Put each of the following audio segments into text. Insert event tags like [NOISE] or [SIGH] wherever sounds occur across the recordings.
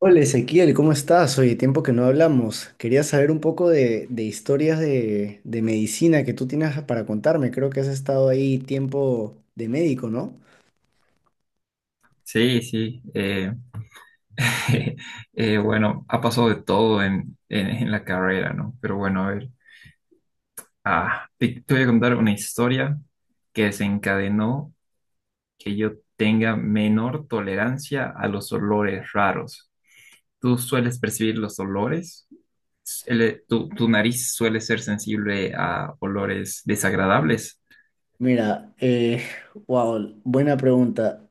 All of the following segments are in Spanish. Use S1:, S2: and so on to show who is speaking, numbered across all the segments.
S1: Hola Ezequiel, ¿cómo estás? Oye, tiempo que no hablamos. Quería saber un poco de historias de medicina que tú tienes para contarme. Creo que has estado ahí tiempo de médico, ¿no?
S2: Sí, sí. [LAUGHS] Bueno, ha pasado de todo en la carrera, ¿no? Pero bueno, a ver, te voy a contar una historia que desencadenó que yo tenga menor tolerancia a los olores raros. ¿Tú sueles percibir los olores? ¿El- tu nariz suele ser sensible a olores desagradables?
S1: Mira, wow, buena pregunta.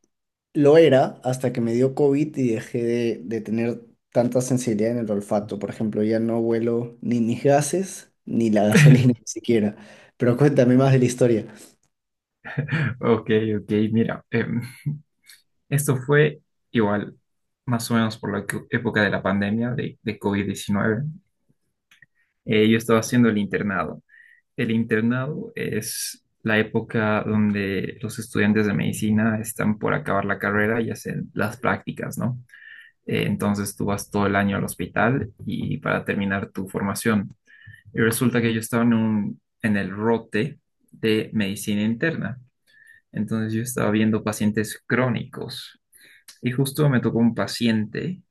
S1: Lo era hasta que me dio COVID y dejé de tener tanta sensibilidad en el olfato. Por ejemplo, ya no huelo ni mis gases ni la gasolina [LAUGHS] ni siquiera. Pero cuéntame más de la historia.
S2: Ok, ok, mira, esto fue igual, más o menos por la co- época de la pandemia de COVID-19. Yo estaba haciendo el internado. El internado es la época donde los estudiantes de medicina están por acabar la carrera y hacen las prácticas, ¿no? Entonces tú vas todo el año al hospital y para terminar tu formación. Y resulta que yo estaba en en el rote de medicina interna. Entonces yo estaba viendo pacientes crónicos y justo me tocó un paciente,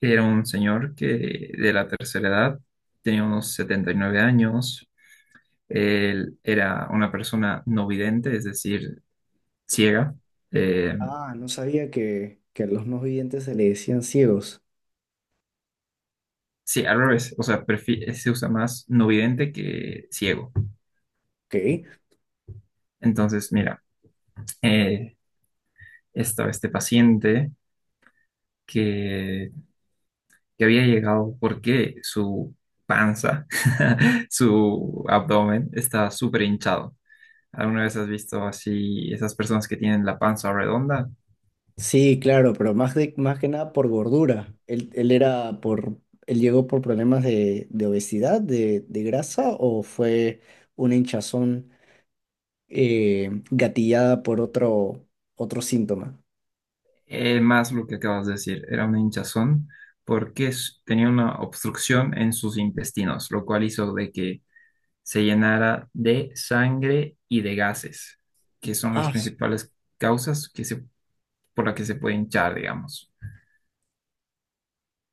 S2: que era un señor que de la tercera edad, tenía unos 79 años. Él era una persona no vidente, es decir, ciega. Eh,
S1: Ah, no sabía que a los no videntes se le decían ciegos.
S2: sí, al revés, o sea, prefi- se usa más no vidente que ciego.
S1: Ok.
S2: Entonces, mira, eh, estaba este paciente que, que había llegado porque su panza, [LAUGHS] su abdomen estaba súper hinchado. ¿Alguna vez has visto así esas personas que tienen la panza redonda?
S1: Sí, claro, pero más, de, más que nada por gordura. Él era él llegó por problemas de obesidad, de grasa, o fue una hinchazón gatillada por otro, otro síntoma.
S2: Más lo que acabas de decir, era una hinchazón porque s- tenía una obstrucción en sus intestinos, lo cual hizo de que se llenara de sangre y de gases, que son las
S1: Ah, s-
S2: principales causas por las que se puede hinchar, digamos.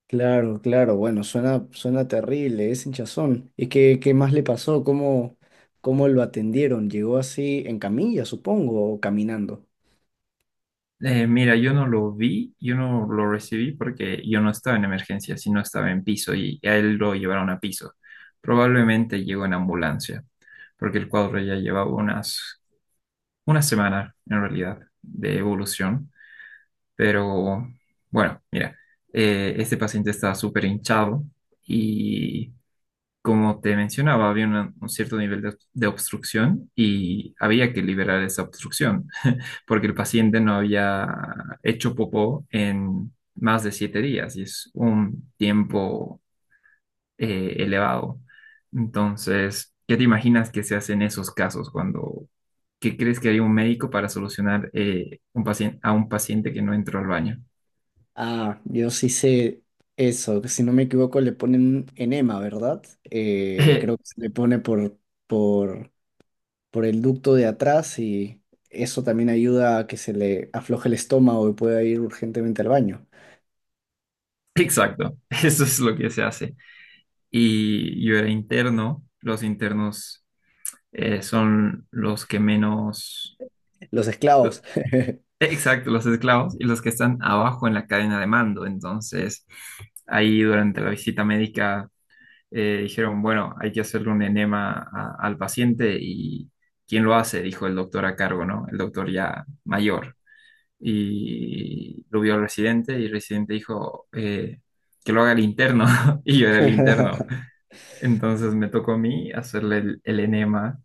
S1: claro, claro. Bueno, suena, suena terrible, es hinchazón. ¿Y qué, qué más le pasó? ¿Cómo, cómo lo atendieron? ¿Llegó así en camilla, supongo, o caminando?
S2: Mira, yo no lo vi, yo no lo recibí porque yo no estaba en emergencia, sino estaba en piso y a él lo llevaron a piso. Probablemente llegó en ambulancia, porque el cuadro ya llevaba una semana en realidad de evolución. Pero bueno, mira, este paciente estaba súper hinchado y como te mencionaba, había una- un cierto nivel de obstrucción y había que liberar esa obstrucción porque el paciente no había hecho popó en más de 7 días y es un tiempo elevado. Entonces, ¿qué te imaginas que se hace en esos casos cuando, qué crees que haría un médico para solucionar un paciente, a un paciente que no entró al baño?
S1: Ah, yo sí sé eso, que si no me equivoco le ponen enema, ¿verdad?
S2: [LAUGHS] Eh,
S1: Creo que se le pone por, por el ducto de atrás y eso también ayuda a que se le afloje el estómago y pueda ir urgentemente al baño.
S2: exacto, eso es lo que se hace. Y yo era interno, los internos son los que menos...
S1: Los esclavos.
S2: Exacto, los esclavos y los que están abajo en la cadena de mando. Entonces, ahí durante la visita médica dijeron, bueno, hay que hacerle un enema a- al paciente y ¿quién lo hace? Dijo el doctor a cargo, ¿no? El doctor ya mayor. Y lo vio el residente y el residente dijo que lo haga el interno [LAUGHS] y yo era el interno.
S1: [LAUGHS]
S2: Entonces me tocó a mí hacerle el enema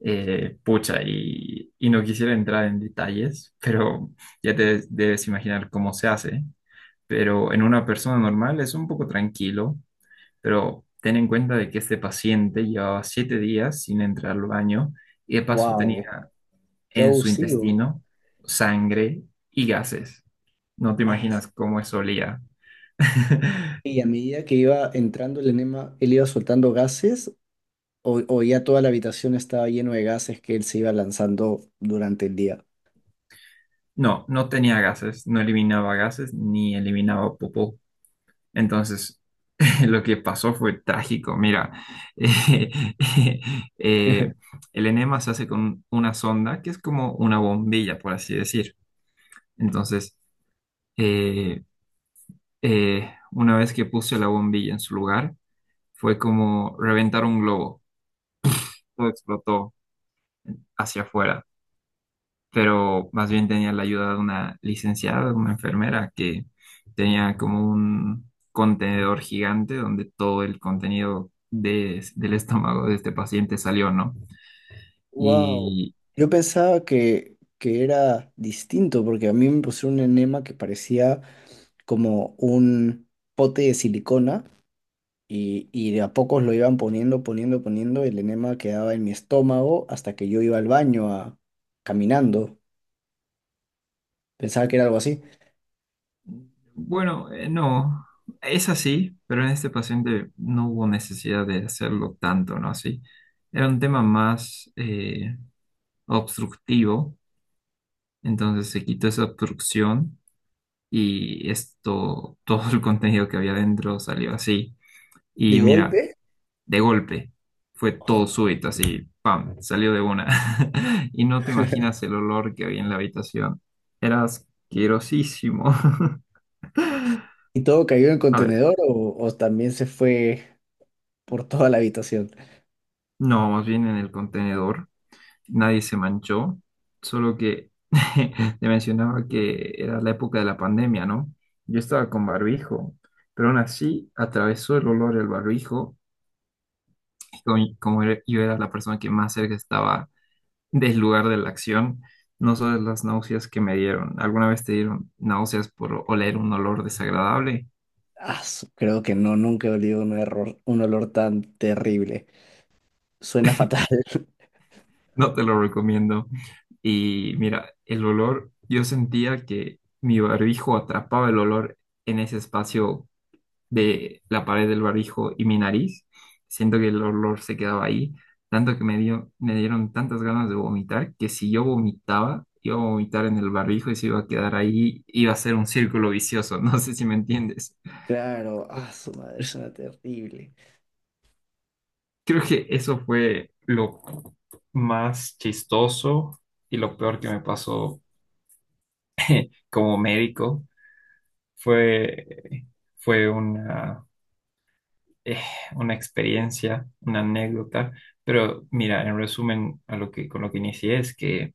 S2: pucha, y no quisiera entrar en detalles, [LAUGHS] pero ya te debes imaginar cómo se hace. Pero en una persona normal es un poco tranquilo, pero ten en cuenta de que este paciente llevaba 7 días sin entrar al baño y de paso
S1: Wow,
S2: tenía
S1: qué
S2: en su
S1: abusivo.
S2: intestino sangre y gases. No te
S1: Ah,
S2: imaginas cómo eso olía. [LAUGHS]
S1: y a medida que iba entrando el enema, él iba soltando gases o ya toda la habitación estaba lleno de gases que él se iba lanzando durante el día.
S2: No, no tenía gases, no eliminaba gases ni eliminaba popó. Entonces, [LAUGHS] lo que pasó fue trágico. Mira, [LAUGHS] eh, eh,
S1: [LAUGHS]
S2: el enema se hace con una sonda que es como una bombilla, por así decir. Entonces, eh, una vez que puse la bombilla en su lugar, fue como reventar un globo. Todo explotó hacia afuera. Pero más bien tenía la ayuda de una licenciada, una enfermera, que tenía como un contenedor gigante donde todo el contenido de- del estómago de este paciente salió, ¿no?
S1: Wow,
S2: Y
S1: yo pensaba que era distinto porque a mí me pusieron un enema que parecía como un pote de silicona y de a pocos lo iban poniendo, poniendo, poniendo, y el enema quedaba en mi estómago hasta que yo iba al baño a, caminando. Pensaba que era algo así.
S2: bueno, no, es así, pero en este paciente no hubo necesidad de hacerlo tanto, ¿no? Así. Era un tema más obstructivo, entonces se quitó esa obstrucción y esto, [LAUGHS] todo el contenido que había dentro salió así.
S1: De
S2: Y mira,
S1: golpe,
S2: de golpe, fue
S1: ¡guau!
S2: todo súbito, así, ¡pam!, salió de una. [LAUGHS] Y no te imaginas el olor que había en la habitación. Era asquerosísimo. [LAUGHS]
S1: Y todo cayó en el
S2: A ver,
S1: contenedor o también se fue por toda la habitación.
S2: no, más bien en el contenedor, nadie se manchó, solo que [LAUGHS] te mencionaba que era la época de la pandemia, ¿no? Yo estaba con barbijo, pero aún así atravesó el olor el barbijo como era- yo era la persona que más cerca estaba del lugar de la acción, no solo las náuseas que me dieron. ¿Alguna vez te dieron náuseas por oler un olor desagradable?
S1: Creo que no, nunca he olido un error, un olor tan terrible. Suena fatal.
S2: No te lo recomiendo. Y mira, el olor, yo sentía que mi barbijo atrapaba el olor en ese espacio de la pared del barbijo y mi nariz. Siento que el olor se quedaba ahí, tanto que me dio, me dieron tantas ganas de vomitar que si yo vomitaba, iba a vomitar en el barbijo y se iba a quedar ahí, iba a ser un círculo vicioso. [LAUGHS] No sé si me entiendes.
S1: Claro, ah, su madre suena terrible.
S2: Creo que eso fue lo más chistoso y lo peor que me pasó como médico. Fue, fue eh, una experiencia, una anécdota, pero mira, en resumen, a lo que, con lo que inicié es que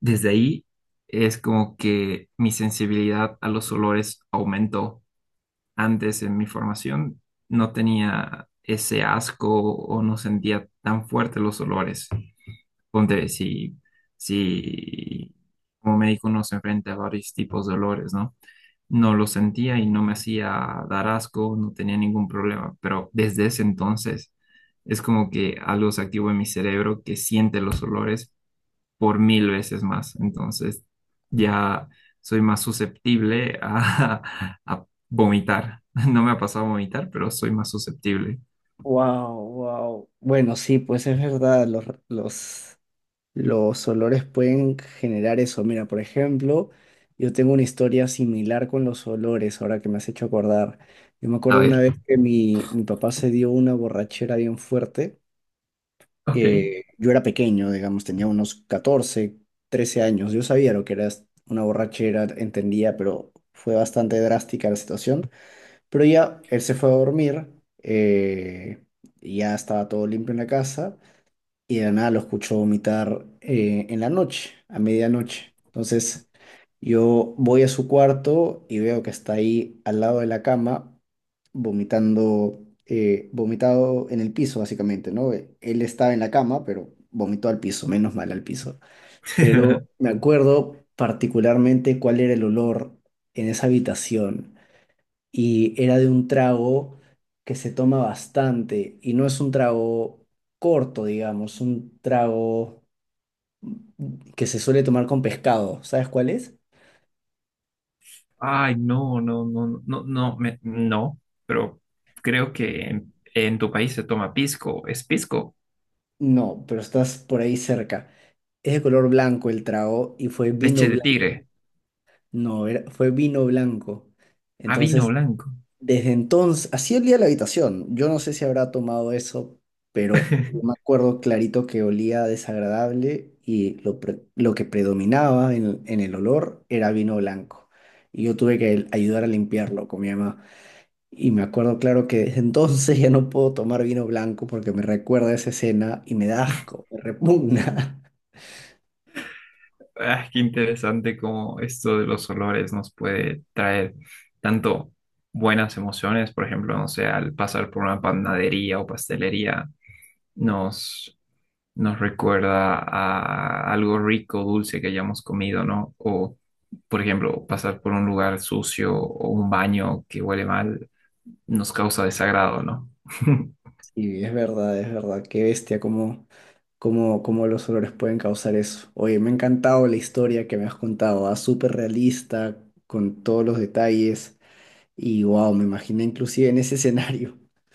S2: desde ahí es como que mi sensibilidad a los olores aumentó. Antes en mi formación no tenía ese asco o no sentía tan fuerte los olores. Ponte, si como médico uno se enfrenta a varios tipos de olores, ¿no? No lo sentía y no me hacía dar asco, no tenía ningún problema, pero desde ese entonces es como que algo se activó en mi cerebro que siente los olores por mil veces más, entonces ya soy más susceptible a, [LAUGHS] a vomitar. No me ha pasado a vomitar, pero soy más susceptible.
S1: Wow, wow. Bueno, sí, pues es verdad, los olores pueden generar eso. Mira, por ejemplo, yo tengo una historia similar con los olores, ahora que me has hecho acordar. Yo me acuerdo
S2: A
S1: una
S2: ver.
S1: vez que mi papá se dio una borrachera bien fuerte.
S2: Ok.
S1: Yo era pequeño, digamos, tenía unos 14 13 años. Yo sabía lo que era una borrachera, entendía, pero fue bastante drástica la situación. Pero ya él se fue a dormir, eh, y ya estaba todo limpio en la casa y de la nada lo escucho vomitar en la noche, a medianoche. Entonces yo voy a su cuarto y veo que está ahí al lado de la cama, vomitando, vomitado en el piso básicamente, ¿no? Él estaba en la cama, pero vomitó al piso, menos mal al piso. Pero
S2: [LAUGHS]
S1: me acuerdo particularmente cuál era el olor en esa habitación y era de un trago que se toma bastante y no es un trago corto, digamos, un trago que se suele tomar con pescado. ¿Sabes cuál es?
S2: Ay, no, no, no, no, no, me- no, pero creo que en tu país se toma pisco, es pisco,
S1: No, pero estás por ahí cerca. Es de color blanco el trago y fue vino
S2: leche de
S1: blanco.
S2: tigre.
S1: No, era- Fue vino blanco.
S2: ¿A vino
S1: Entonces
S2: blanco?
S1: desde entonces, así olía la habitación. Yo no sé si habrá tomado eso, pero me
S2: [LAUGHS]
S1: acuerdo clarito que olía desagradable y lo que predominaba en el olor era vino blanco. Y yo tuve que ayudar a limpiarlo con mi mamá. Y me acuerdo claro que desde entonces ya no puedo tomar vino blanco porque me recuerda a esa escena y me da asco, me repugna. [LAUGHS]
S2: Ah, qué interesante cómo esto de los olores nos puede traer tanto buenas emociones, por ejemplo, no sé, al pasar por una panadería o pastelería, nos, nos recuerda a algo rico, dulce que hayamos comido, ¿no? O, por ejemplo, pasar por un lugar sucio o un baño que huele mal, nos causa desagrado, ¿no? [LAUGHS]
S1: Sí, es verdad, es verdad. Qué bestia, como cómo, cómo los olores pueden causar eso. Oye, me ha encantado la historia que me has contado, ah, súper realista, con todos los detalles y wow, me imaginé inclusive en ese escenario. [LAUGHS]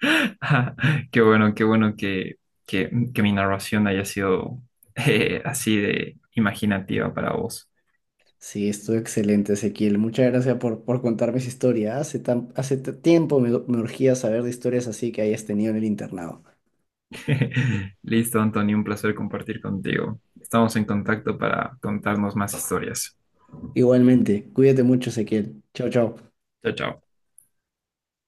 S2: [LAUGHS] Qué bueno que mi narración haya sido [LAUGHS] así de imaginativa para vos.
S1: Sí, estuvo excelente, Ezequiel. Muchas gracias por contarme esa historia. Hace tan, hace t- Tiempo me urgía saber de historias así que hayas tenido en el internado.
S2: [LAUGHS] Listo, Antonio, un placer compartir contigo. Estamos en contacto para contarnos más historias.
S1: Igualmente, cuídate mucho, Ezequiel. Chao, chao.
S2: Chao, chao.